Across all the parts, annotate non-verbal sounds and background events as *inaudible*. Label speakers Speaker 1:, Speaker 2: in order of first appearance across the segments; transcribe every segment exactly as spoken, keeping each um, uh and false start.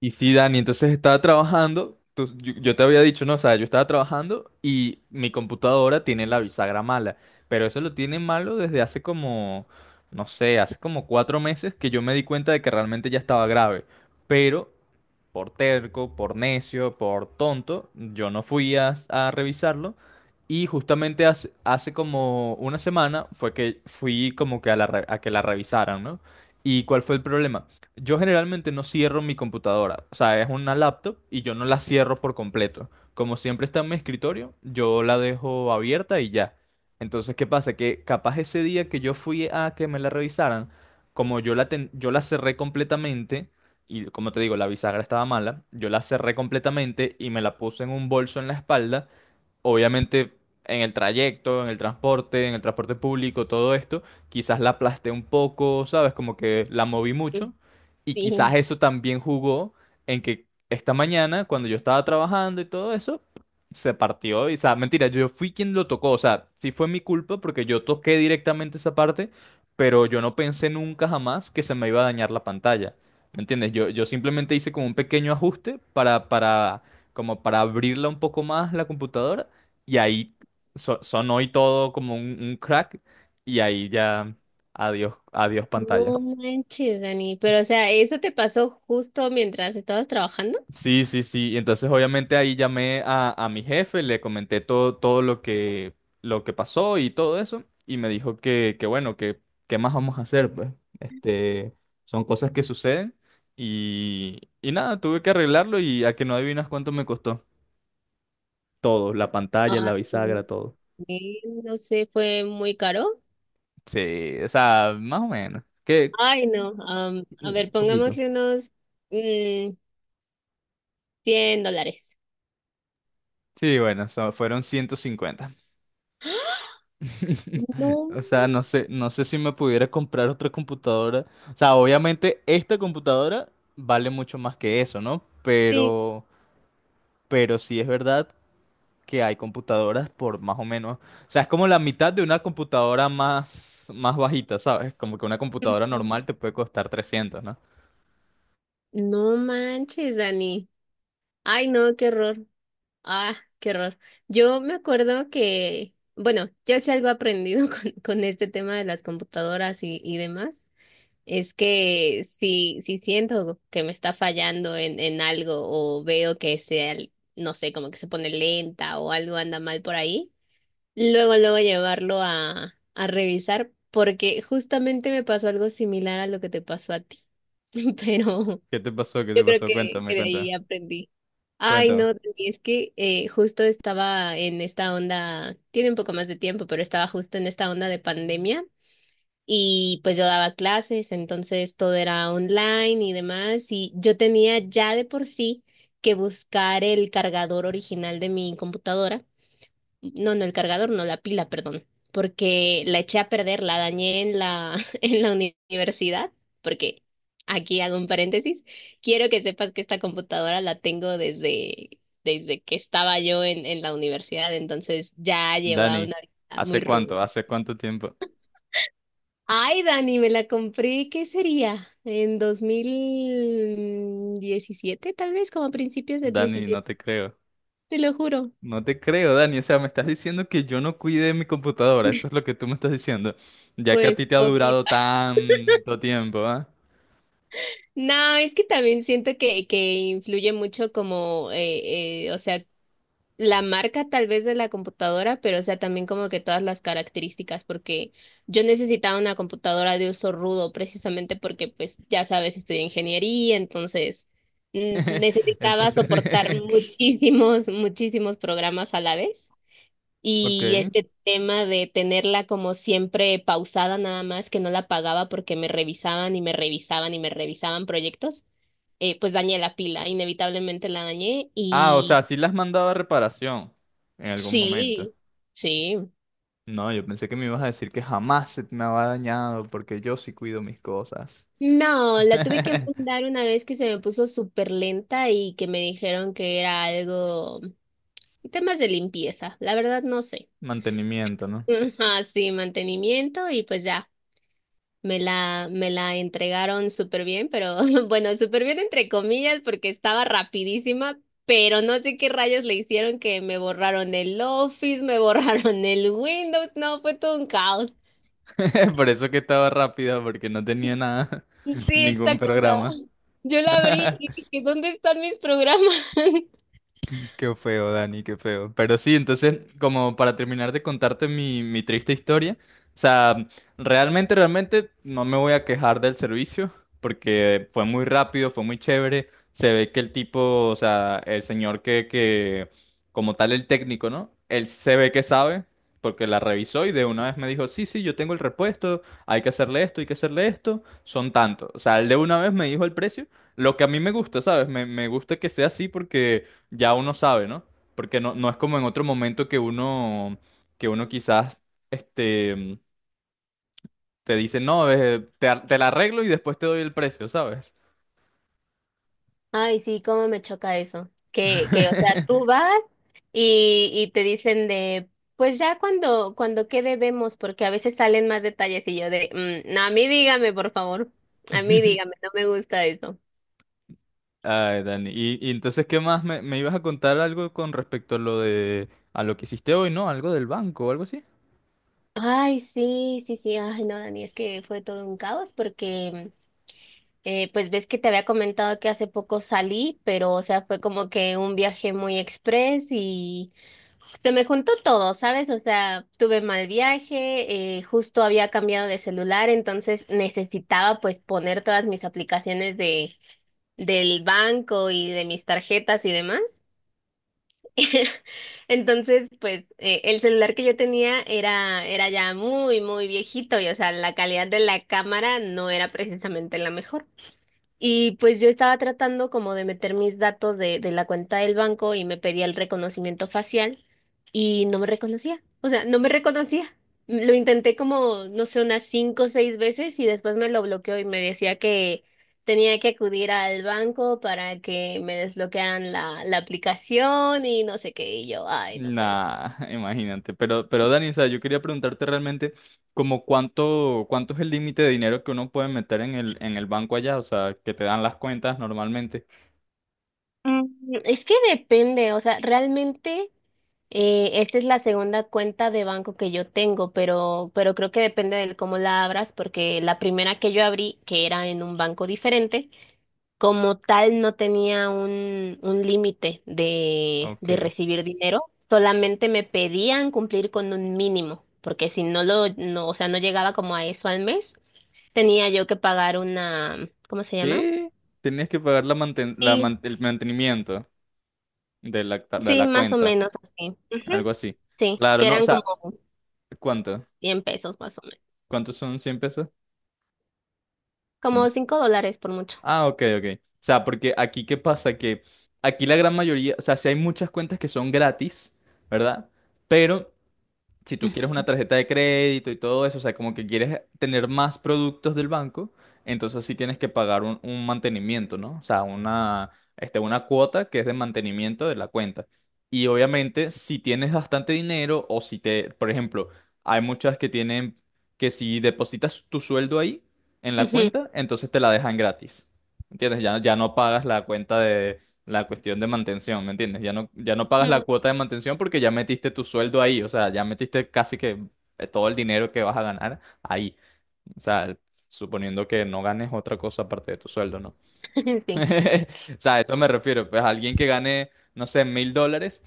Speaker 1: Y sí, Dani, entonces estaba trabajando, tú- yo, yo te había dicho, no, o sea, yo estaba trabajando y mi computadora tiene la bisagra mala, pero eso lo tiene malo desde hace como, no sé, hace como cuatro meses que yo me di cuenta de que realmente ya estaba grave, pero por terco, por necio, por tonto, yo no fui a, a revisarlo. Y justamente hace, hace como una semana fue que fui como que a, la re- a que la revisaran, ¿no? ¿Y cuál fue el problema? Yo generalmente no cierro mi computadora, o sea, es una laptop y yo no la cierro por completo. Como siempre está en mi escritorio, yo la dejo abierta y ya. Entonces, ¿qué pasa? Que capaz ese día que yo fui a que me la revisaran, como yo la, ten- yo la cerré completamente, y como te digo, la bisagra estaba mala, yo la cerré completamente y me la puse en un bolso en la espalda, obviamente. En el trayecto, en el transporte, en el transporte público, todo esto, quizás la aplasté un poco, ¿sabes? Como que la moví mucho y quizás
Speaker 2: Sí,
Speaker 1: eso también jugó en que esta mañana, cuando yo estaba trabajando y todo eso, se partió. Y, o sea, mentira, yo fui quien lo tocó, o sea, sí fue mi culpa porque yo toqué directamente esa parte, pero yo no pensé nunca jamás que se me iba a dañar la pantalla. ¿Me entiendes? Yo, yo simplemente hice como un pequeño ajuste para, para, como para abrirla un poco más la computadora y ahí so- sonó y todo como un, un crack Y ahí ya adiós, adiós
Speaker 2: no
Speaker 1: pantalla.
Speaker 2: manches, Dani, pero o sea, ¿eso te pasó justo mientras estabas trabajando?
Speaker 1: Sí, sí, sí. Y entonces obviamente ahí llamé a, a mi jefe, le comenté todo, todo lo que, lo que pasó y todo eso y me dijo que, que bueno, que qué más vamos a hacer, pues. Este, Son cosas que suceden y, y nada, tuve que arreglarlo y a que no adivinas cuánto me costó. Todo, la pantalla, la
Speaker 2: Ay, no
Speaker 1: bisagra, todo.
Speaker 2: sé, no sé, fue muy caro.
Speaker 1: Sí, o sea, más o menos. Que
Speaker 2: Ay, no, am, a ver,
Speaker 1: un poquito.
Speaker 2: pongámosle unos mm, cien dólares.
Speaker 1: Sí, bueno, so- fueron ciento cincuenta. *laughs*
Speaker 2: No
Speaker 1: O sea, no sé, no sé si me pudiera comprar otra computadora. O sea, obviamente esta computadora vale mucho más que eso, ¿no?
Speaker 2: manches,
Speaker 1: Pero, pero sí es verdad que hay computadoras por más o menos. O sea, es como la mitad de una computadora más, más bajita, ¿sabes? Como que una computadora normal te puede costar trescientos, ¿no?
Speaker 2: no manches, Dani. Ay, no, qué horror. Ah, qué horror. Yo me acuerdo que, bueno, yo sí algo he aprendido *laughs* con, con este tema de las computadoras y, y demás. Es que si, si siento que me está fallando en, en algo o veo que se, no sé, como que se pone lenta o algo anda mal por ahí, luego, luego llevarlo a, a revisar porque justamente me pasó algo similar a lo que te pasó a ti. *laughs* Pero
Speaker 1: ¿Qué te pasó? ¿Qué
Speaker 2: yo
Speaker 1: te
Speaker 2: creo
Speaker 1: pasó?
Speaker 2: que,
Speaker 1: Cuéntame,
Speaker 2: que de
Speaker 1: cuéntame.
Speaker 2: ahí aprendí. Ay, no,
Speaker 1: Cuéntame.
Speaker 2: Dani, es que eh, justo estaba en esta onda, tiene un poco más de tiempo, pero estaba justo en esta onda de pandemia y pues yo daba clases, entonces todo era online y demás, y yo tenía ya de por sí que buscar el cargador original de mi computadora, no, no el cargador, no la pila, perdón, porque la eché a perder, la dañé en la, *laughs* en la uni- universidad, porque aquí hago un paréntesis, quiero que sepas que esta computadora la tengo desde, desde que estaba yo en, en la universidad, entonces ya lleva
Speaker 1: Dani,
Speaker 2: una vida muy
Speaker 1: ¿hace
Speaker 2: ruda.
Speaker 1: cuánto? ¿Hace cuánto tiempo?
Speaker 2: Ay, Dani, me la compré, ¿qué sería? En dos mil diecisiete, tal vez, como a principios del
Speaker 1: Dani, no
Speaker 2: diecisiete,
Speaker 1: te creo.
Speaker 2: te lo juro.
Speaker 1: No te creo, Dani. O sea, me estás diciendo que yo no cuide mi computadora. Eso es
Speaker 2: *laughs*
Speaker 1: lo que tú me estás diciendo. Ya que a
Speaker 2: Pues
Speaker 1: ti te ha durado
Speaker 2: poquita.
Speaker 1: tanto tiempo, ¿ah?
Speaker 2: No, es que también siento que, que influye mucho como, eh, eh, o sea, la marca tal vez de la computadora, pero o sea, también como que todas las características, porque yo necesitaba una computadora de uso rudo precisamente porque pues ya sabes, estudié ingeniería, entonces mm,
Speaker 1: *laughs*
Speaker 2: necesitaba
Speaker 1: Entonces,
Speaker 2: soportar *laughs* muchísimos, muchísimos programas a la vez.
Speaker 1: *laughs* ok.
Speaker 2: Y este tema de tenerla como siempre pausada nada más, que no la pagaba porque me revisaban y me revisaban y me revisaban proyectos eh, pues dañé la pila, inevitablemente la dañé.
Speaker 1: Ah, o sea, sí la has mandado a reparación en algún momento.
Speaker 2: Sí, sí.
Speaker 1: No, yo pensé que me ibas a decir que jamás se me había dañado porque yo sí cuido mis cosas.
Speaker 2: No, la tuve que
Speaker 1: *laughs*
Speaker 2: mandar una vez que se me puso súper lenta y que me dijeron que era algo, temas de limpieza, la verdad no sé.
Speaker 1: Mantenimiento, ¿no?
Speaker 2: *laughs* Ajá, sí, mantenimiento y pues ya, me la, me la entregaron súper bien, pero *laughs* bueno, súper bien entre comillas porque estaba rapidísima, pero no sé qué rayos le hicieron que me borraron el Office, me *laughs* borraron el Windows, no, fue todo un caos.
Speaker 1: *laughs* Por eso que estaba rápida porque no tenía nada, *laughs*
Speaker 2: Sí,
Speaker 1: ningún
Speaker 2: exacto. O sea,
Speaker 1: programa.
Speaker 2: yo la abrí
Speaker 1: *laughs*
Speaker 2: y dije, ¿dónde están mis programas? *laughs*
Speaker 1: Qué feo, Dani, qué feo. Pero sí, entonces, como para terminar de contarte mi, mi triste historia, o sea, realmente, realmente no me voy a quejar del servicio, porque fue muy rápido, fue muy chévere. Se ve que el tipo, o sea, el señor que, que, como tal, el técnico, ¿no? Él se ve que sabe, porque la revisó y de una vez me dijo, sí, sí, yo tengo el repuesto, hay que hacerle esto, hay que hacerle esto, son tantos. O sea, él de una vez me dijo el precio. Lo que a mí me gusta, ¿sabes? Me, me gusta que sea así porque ya uno sabe, ¿no? Porque no, no es como en otro momento que uno, que uno quizás, este, te dice, no, eh, te, ar- te la arreglo y después te doy el precio, ¿sabes?
Speaker 2: Ay, sí, cómo me choca eso. Que, que, o sea,
Speaker 1: *laughs*
Speaker 2: tú vas y, y te dicen de, pues ya cuando, cuando quede vemos, porque a veces salen más detalles y yo de, "Mm, no, a mí dígame, por favor. A mí dígame, no me gusta eso."
Speaker 1: Ay, Dani. Y, y entonces, ¿qué más? Me, me ibas a contar algo con respecto a lo de, a lo que hiciste hoy, ¿no? Algo del banco o algo así.
Speaker 2: Ay, sí, sí, sí, ay, no, Dani, es que fue todo un caos porque, eh, pues ves que te había comentado que hace poco salí, pero, o sea, fue como que un viaje muy express. Se me juntó todo, ¿sabes? O sea, tuve mal viaje, eh, justo había cambiado de celular, entonces necesitaba pues poner todas mis aplicaciones de, del banco y de mis tarjetas y demás. *laughs* Entonces, pues eh, el celular que yo tenía era, era ya muy, muy viejito y o sea, la calidad de la cámara no era precisamente la mejor. Y pues yo estaba tratando como de meter mis datos de, de la cuenta del banco y me pedía el reconocimiento facial y no me reconocía. O sea, no me reconocía. Lo intenté como, no sé, unas cinco o seis veces y después me lo bloqueó y me decía que tenía que acudir al banco para que me desbloquearan la, la aplicación y no sé qué. Y yo, ay, no puede.
Speaker 1: Nah, *laughs* imagínate. Pero, pero Dani, o sea, yo quería preguntarte realmente como cuánto, cuánto es el límite de dinero que uno puede meter en el, en el banco allá, o sea, que te dan las cuentas normalmente.
Speaker 2: Mm, Es que depende, o sea, realmente eh, esta es la segunda cuenta de banco que yo tengo, pero, pero creo que depende de cómo la abras, porque la primera que yo abrí, que era en un banco diferente, como tal no tenía un, un límite de, de
Speaker 1: Ok.
Speaker 2: recibir dinero, solamente me pedían cumplir con un mínimo, porque si no lo, no, o sea, no llegaba como a eso al mes, tenía yo que pagar una, ¿cómo se llama?
Speaker 1: ¿Qué? Tenías que pagar la manten- la man- el mantenimiento de la, ta- de
Speaker 2: Sí,
Speaker 1: la
Speaker 2: más o
Speaker 1: cuenta,
Speaker 2: menos así. Ujú.
Speaker 1: algo así.
Speaker 2: Sí,
Speaker 1: Claro,
Speaker 2: que
Speaker 1: no, o
Speaker 2: eran como
Speaker 1: sea, ¿cuánto?
Speaker 2: cien pesos más o menos.
Speaker 1: ¿Cuántos son cien pesos? ¿Cómo
Speaker 2: Como
Speaker 1: es?
Speaker 2: cinco dólares por mucho.
Speaker 1: Ah, ok, ok. O sea, porque aquí, ¿qué pasa? Que aquí la gran mayoría, o sea, sí hay muchas cuentas que son gratis, ¿verdad? Pero si tú quieres
Speaker 2: Ujú.
Speaker 1: una tarjeta de crédito y todo eso, o sea, como que quieres tener más productos del banco, entonces sí tienes que pagar un, un mantenimiento, ¿no? O sea, una, este, una cuota que es de mantenimiento de la cuenta. Y obviamente, si tienes bastante dinero o si te, por ejemplo, hay muchas que tienen que si depositas tu sueldo ahí en la
Speaker 2: Ujú.
Speaker 1: cuenta, entonces te la dejan gratis. ¿Entiendes? Ya, ya no pagas la cuenta de, la cuestión de mantención, ¿me entiendes? Ya no, ya no pagas la
Speaker 2: Ujú.
Speaker 1: cuota de mantención porque ya metiste tu sueldo ahí, o sea, ya metiste casi que eh, todo el dinero que vas a ganar ahí, o sea, suponiendo que no ganes otra cosa aparte de tu sueldo, ¿no?
Speaker 2: *laughs*
Speaker 1: *laughs*
Speaker 2: Sí.
Speaker 1: O sea, a eso me refiero, pues alguien que gane, no sé, mil dólares,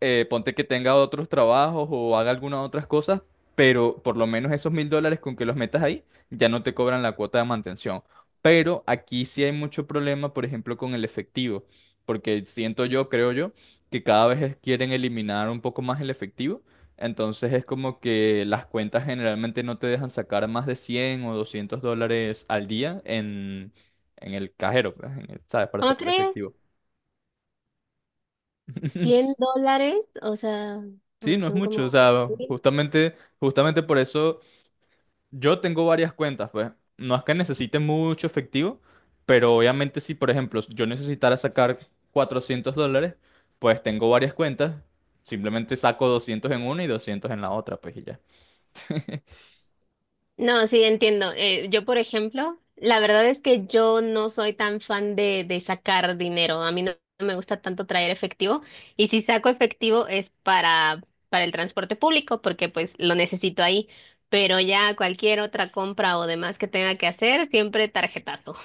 Speaker 1: eh, ponte que tenga otros trabajos o haga algunas otras cosas, pero por lo menos esos mil dólares con que los metas ahí ya no te cobran la cuota de mantención. Pero aquí sí hay mucho problema, por ejemplo, con el efectivo, porque siento yo, creo yo, que cada vez es- quieren eliminar un poco más el efectivo. Entonces es como que las cuentas generalmente no te dejan sacar más de cien o doscientos dólares al día en, en el cajero, pues, en el- ¿sabes? Para
Speaker 2: ¿Cómo
Speaker 1: sacar
Speaker 2: crees?
Speaker 1: efectivo. *laughs*
Speaker 2: Cien dólares, o sea,
Speaker 1: Sí,
Speaker 2: no,
Speaker 1: no es
Speaker 2: son como
Speaker 1: mucho, o sea,
Speaker 2: dos mil.
Speaker 1: justamente, justamente por eso yo tengo varias cuentas, pues. No es que necesite mucho efectivo, pero obviamente si, por ejemplo, yo necesitara sacar cuatrocientos dólares, pues tengo varias cuentas, simplemente saco doscientos en una y doscientos en la otra, pues y ya. *laughs*
Speaker 2: No, sí, entiendo. Eh, yo, por ejemplo, la verdad es que yo no soy tan fan de, de sacar dinero. A mí no me gusta tanto traer efectivo. Y si saco efectivo es para, para el transporte público, porque pues lo necesito ahí. Pero ya cualquier otra compra o demás que tenga que hacer, siempre tarjetazo.